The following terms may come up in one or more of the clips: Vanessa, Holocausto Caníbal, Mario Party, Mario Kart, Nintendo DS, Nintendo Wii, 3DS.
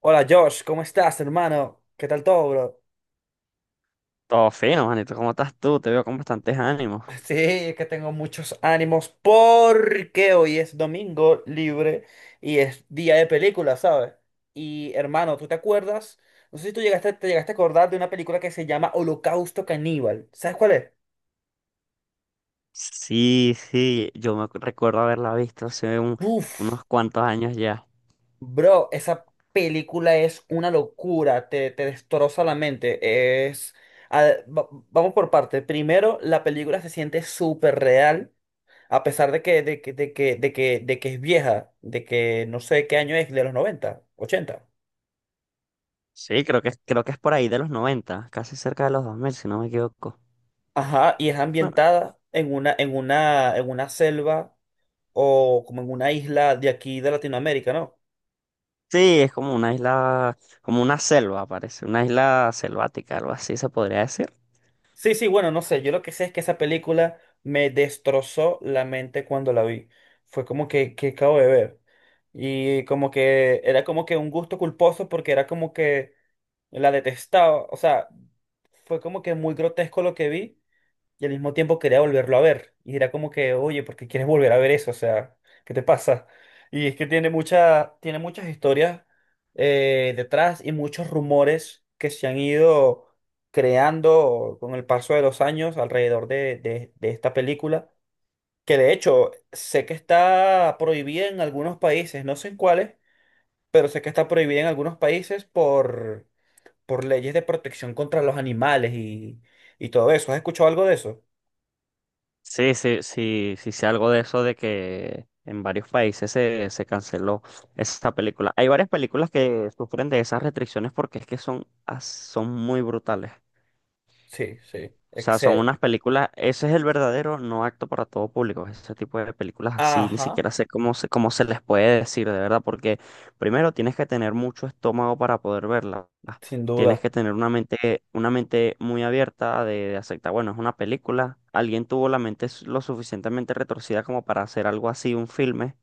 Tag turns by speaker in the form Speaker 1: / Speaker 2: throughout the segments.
Speaker 1: Hola Josh, ¿cómo estás, hermano? ¿Qué tal todo, bro?
Speaker 2: Todo fino, manito. ¿Cómo estás tú? Te veo con bastantes ánimos.
Speaker 1: Sí, es que tengo muchos ánimos porque hoy es domingo libre y es día de película, ¿sabes? Y hermano, ¿tú te acuerdas? No sé si tú llegaste, te llegaste a acordar de una película que se llama Holocausto Caníbal. ¿Sabes cuál es?
Speaker 2: Sí, sí, yo recuerdo haberla visto hace
Speaker 1: Buf,
Speaker 2: unos cuantos años ya.
Speaker 1: Bro, esa película es una locura, te destroza la mente. Vamos por parte. Primero, la película se siente súper real, a pesar de que, es vieja, de que no sé qué año es, de los noventa, ochenta.
Speaker 2: Sí, creo que es por ahí de los 90, casi cerca de los 2000 si no me equivoco.
Speaker 1: Ajá, y es
Speaker 2: Bueno,
Speaker 1: ambientada en una, en una selva o como en una isla de aquí de Latinoamérica, ¿no?
Speaker 2: sí, es como una isla, como una selva, parece, una isla selvática, algo así se podría decir.
Speaker 1: Sí, sí, bueno, no sé, yo lo que sé es que esa película me destrozó la mente cuando la vi. Fue como que acabo de ver. Y como que era como que un gusto culposo, porque era como que la detestaba. O sea, fue como que muy grotesco lo que vi, y al mismo tiempo quería volverlo a ver. Y era como que, oye, ¿por qué quieres volver a ver eso? O sea, ¿qué te pasa? Y es que tiene mucha, tiene muchas historias detrás, y muchos rumores que se han ido creando con el paso de los años alrededor de, de esta película, que de hecho sé que está prohibida en algunos países, no sé en cuáles, pero sé que está prohibida en algunos países por leyes de protección contra los animales y todo eso. ¿Has escuchado algo de eso?
Speaker 2: Sí, sí, sí, sí sé algo de eso de que en varios países se canceló esa película. Hay varias películas que sufren de esas restricciones porque es que son muy brutales.
Speaker 1: Sí, sí,
Speaker 2: O sea, son
Speaker 1: excede.
Speaker 2: unas películas, ese es el verdadero no acto para todo público, ese tipo de películas así, ni
Speaker 1: Ajá,
Speaker 2: siquiera sé cómo se les puede decir, de verdad, porque primero tienes que tener mucho estómago para poder verlas,
Speaker 1: sin
Speaker 2: tienes
Speaker 1: duda.
Speaker 2: que tener una mente muy abierta de aceptar, bueno, es una película, alguien tuvo la mente lo suficientemente retorcida como para hacer algo así, un filme,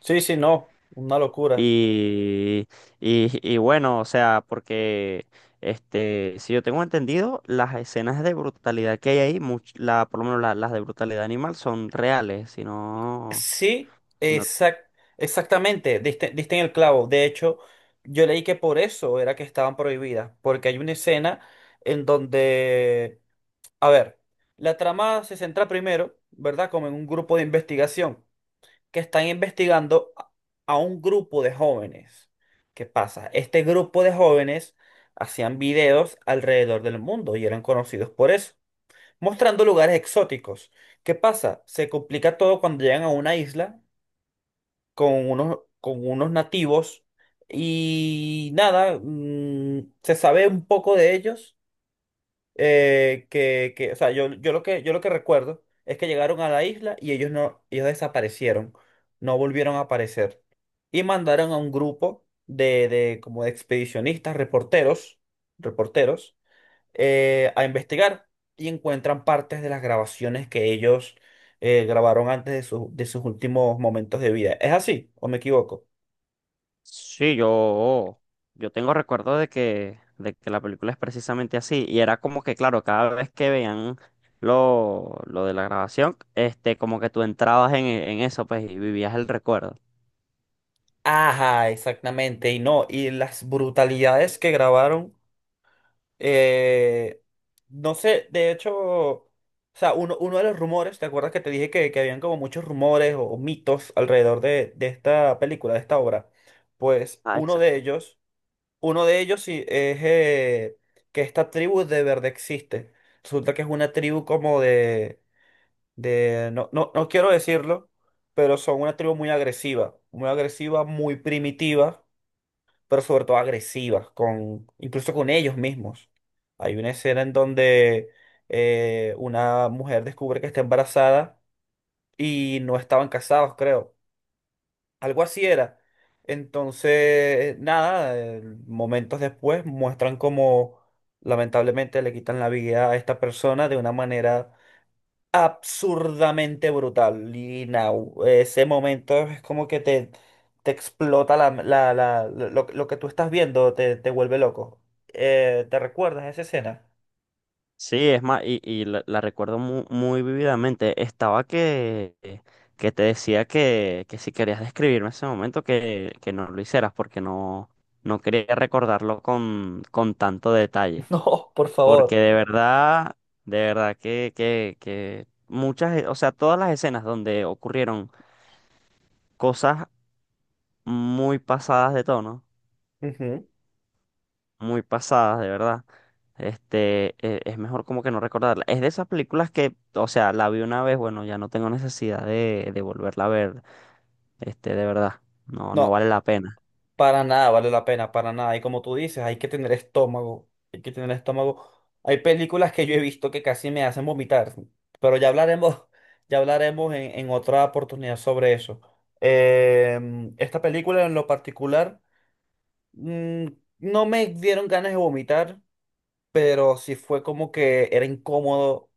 Speaker 1: Sí, sí, no, una locura.
Speaker 2: y, y bueno, o sea, porque si yo tengo entendido, las escenas de brutalidad que hay ahí, por lo menos las de brutalidad animal, son reales. Si no,
Speaker 1: Sí,
Speaker 2: si no-
Speaker 1: exact, Exactamente, diste, diste en el clavo. De hecho, yo leí que por eso era que estaban prohibidas, porque hay una escena en donde, a ver, la trama se centra primero, ¿verdad? Como en un grupo de investigación, que están investigando a un grupo de jóvenes. ¿Qué pasa? Este grupo de jóvenes hacían videos alrededor del mundo y eran conocidos por eso, mostrando lugares exóticos. ¿Qué pasa? Se complica todo cuando llegan a una isla con unos nativos. Y nada, se sabe un poco de ellos. O sea, yo lo que recuerdo es que llegaron a la isla y ellos no, ellos desaparecieron, no volvieron a aparecer. Y mandaron a un grupo de como de expedicionistas, reporteros a investigar, y encuentran partes de las grabaciones que ellos grabaron antes de, de sus últimos momentos de vida. ¿Es así o me equivoco?
Speaker 2: sí, yo tengo recuerdo de que la película es precisamente así. Y era como que, claro, cada vez que veían lo de la grabación, como que tú entrabas en eso, pues, y vivías el recuerdo.
Speaker 1: Ajá, exactamente. Y no, y las brutalidades que grabaron, Eh, no sé, de hecho, o sea, uno, uno de los rumores, ¿te acuerdas que te dije que habían como muchos rumores o mitos alrededor de, esta película, de esta obra? Pues
Speaker 2: Ah, exacto.
Speaker 1: uno de ellos sí es que esta tribu de verdad existe. Resulta que es una tribu como de, no, no, no quiero decirlo, pero son una tribu muy agresiva, muy agresiva, muy primitiva, pero sobre todo agresivas, con, incluso con ellos mismos. Hay una escena en donde una mujer descubre que está embarazada y no estaban casados, creo. Algo así era. Entonces, nada, momentos después muestran cómo lamentablemente le quitan la vida a esta persona de una manera absurdamente brutal. Y now, ese momento es como que te explota lo que tú estás viendo, te vuelve loco. ¿Te recuerdas esa escena?
Speaker 2: Sí, es más, y la recuerdo muy, muy vividamente. Estaba que te decía que si querías describirme ese momento, que no lo hicieras, porque no, no quería recordarlo con tanto detalle.
Speaker 1: No, por
Speaker 2: Porque
Speaker 1: favor.
Speaker 2: de verdad que muchas, o sea, todas las escenas donde ocurrieron cosas muy pasadas de tono
Speaker 1: Ujú.
Speaker 2: muy pasadas, de verdad. Es mejor como que no recordarla. Es de esas películas que, o sea, la vi una vez, bueno, ya no tengo necesidad de volverla a ver, de verdad. No, no
Speaker 1: No,
Speaker 2: vale la pena.
Speaker 1: para nada vale la pena, para nada. Y como tú dices, hay que tener estómago, hay que tener estómago. Hay películas que yo he visto que casi me hacen vomitar, pero ya hablaremos, ya hablaremos en otra oportunidad sobre eso. Esta película en lo particular... Mm, no me dieron ganas de vomitar, pero sí fue como que era incómodo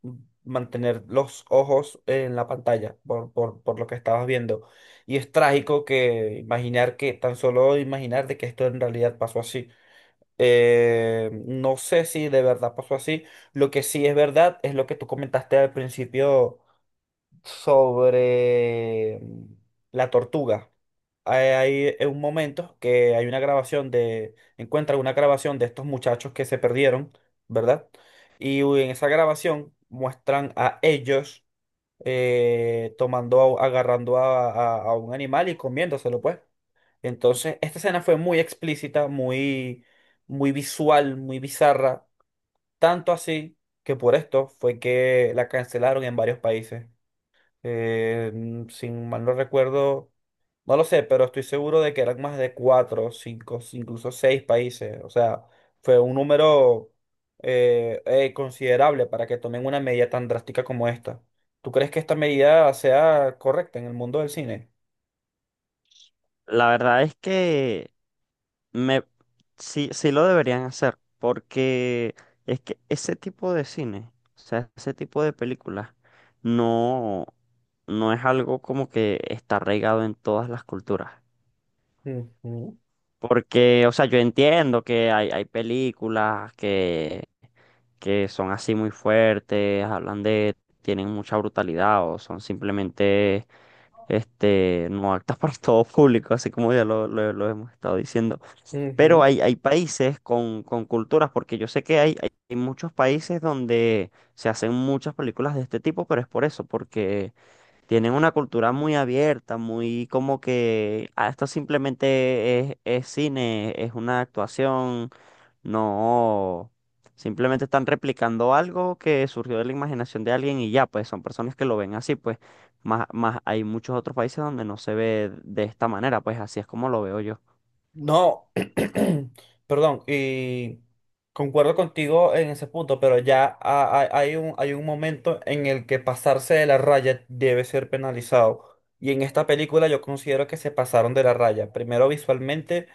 Speaker 1: mantener los ojos en la pantalla por, por lo que estabas viendo. Y es trágico que imaginar que, tan solo imaginar de que esto en realidad pasó así. No sé si de verdad pasó así. Lo que sí es verdad es lo que tú comentaste al principio sobre la tortuga. Hay, hay un momento que hay una grabación de, encuentra una grabación de estos muchachos que se perdieron, ¿verdad? Y en esa grabación muestran a ellos tomando, agarrando a, a un animal y comiéndoselo, pues. Entonces, esta escena fue muy explícita, muy, muy visual, muy bizarra, tanto así que por esto fue que la cancelaron en varios países. Sin mal no recuerdo, no lo sé, pero estoy seguro de que eran más de cuatro, cinco, incluso seis países. O sea, fue un número considerable para que tomen una medida tan drástica como esta. ¿Tú crees que esta medida sea correcta en el mundo del cine?
Speaker 2: La verdad es que me, sí, sí lo deberían hacer, porque es que ese tipo de cine, o sea, ese tipo de películas, no, no es algo como que está arraigado en todas las culturas.
Speaker 1: Ujú,
Speaker 2: Porque, o sea, yo entiendo que hay películas que son así muy fuertes, hablan tienen mucha brutalidad o son simplemente, no aptas para todo público, así como ya lo hemos estado diciendo. Pero
Speaker 1: ujú.
Speaker 2: hay países con culturas, porque yo sé que hay muchos países donde se hacen muchas películas de este tipo, pero es por eso, porque tienen una cultura muy abierta, muy como que "Ah, esto simplemente es cine, es una actuación, no, simplemente están replicando algo que surgió de la imaginación de alguien y ya, pues son personas que lo ven así, pues más hay muchos otros países donde no se ve de esta manera, pues así es como lo veo yo.
Speaker 1: No, perdón, y concuerdo contigo en ese punto, pero ya hay un momento en el que pasarse de la raya debe ser penalizado. Y en esta película yo considero que se pasaron de la raya. Primero visualmente,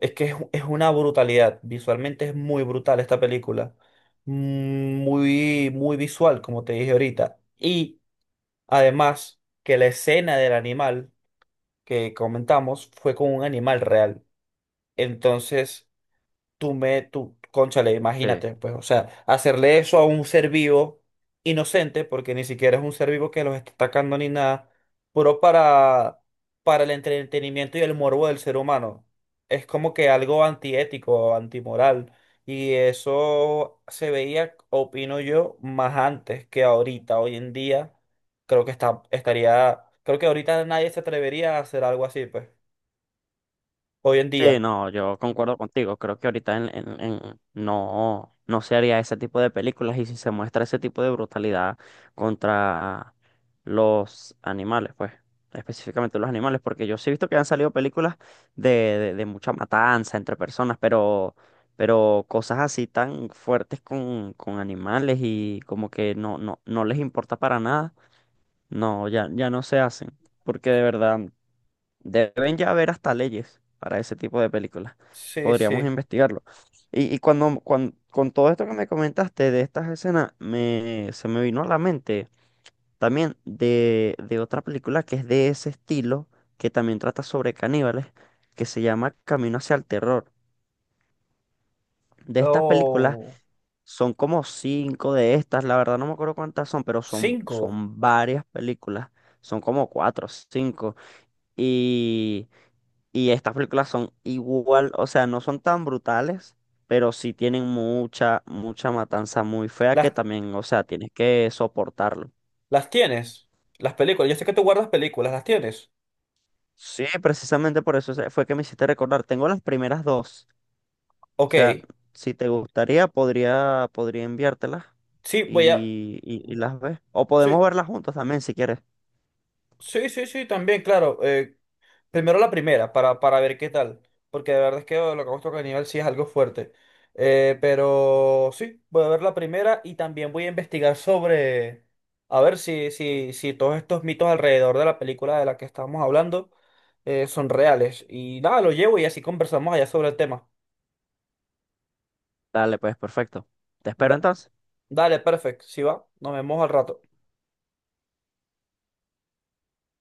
Speaker 1: es que es una brutalidad. Visualmente es muy brutal esta película. Muy, muy visual, como te dije ahorita. Y además que la escena del animal que comentamos fue con un animal real. Entonces tú, cónchale, imagínate, pues, o sea, hacerle eso a un ser vivo inocente, porque ni siquiera es un ser vivo que los está atacando ni nada, puro para el entretenimiento y el morbo del ser humano. Es como que algo antiético, antimoral. Y eso se veía, opino yo, más antes que ahorita. Hoy en día, creo que está, estaría, creo que ahorita nadie se atrevería a hacer algo así, pues. Hoy en
Speaker 2: Sí,
Speaker 1: día.
Speaker 2: no, yo concuerdo contigo. Creo que ahorita no, no se haría ese tipo de películas y si se muestra ese tipo de brutalidad contra los animales, pues, específicamente los animales, porque yo sí he visto que han salido películas de mucha matanza entre personas, pero cosas así tan fuertes con animales y como que no, no, no les importa para nada, no, ya, ya no se hacen, porque de verdad. Deben ya haber hasta leyes para ese tipo de películas.
Speaker 1: Sí,
Speaker 2: Podríamos
Speaker 1: sí.
Speaker 2: investigarlo. Y con todo esto que me comentaste de estas escenas, se me vino a la mente también de otra película que es de ese estilo, que también trata sobre caníbales, que se llama Camino hacia el terror. De estas películas
Speaker 1: Oh.
Speaker 2: son como cinco de estas, la verdad no me acuerdo cuántas son, pero son,
Speaker 1: Cinco.
Speaker 2: son varias películas. Son como cuatro o cinco. Y, y estas películas son igual, o sea, no son tan brutales, pero sí tienen mucha, mucha matanza muy fea que
Speaker 1: Las,
Speaker 2: también, o sea, tienes que soportarlo.
Speaker 1: las tienes. Las películas. Yo sé que tú guardas películas. Las tienes.
Speaker 2: Sí, precisamente por eso fue que me hiciste recordar. Tengo las primeras dos. O
Speaker 1: Ok.
Speaker 2: sea, si te gustaría, podría enviártelas
Speaker 1: Sí, voy a.
Speaker 2: y las ves. O
Speaker 1: Sí,
Speaker 2: podemos verlas juntos también si quieres.
Speaker 1: sí, sí, sí, también, claro. Primero la primera, para ver qué tal. Porque de verdad es que lo que hemos tocado a nivel sí es algo fuerte. Pero sí, voy a ver la primera y también voy a investigar sobre. A ver si, si todos estos mitos alrededor de la película de la que estábamos hablando son reales. Y nada, lo llevo y así conversamos allá sobre el tema.
Speaker 2: Dale, pues, perfecto. Te espero
Speaker 1: Da-
Speaker 2: entonces.
Speaker 1: Dale, perfecto, si va, nos vemos al rato.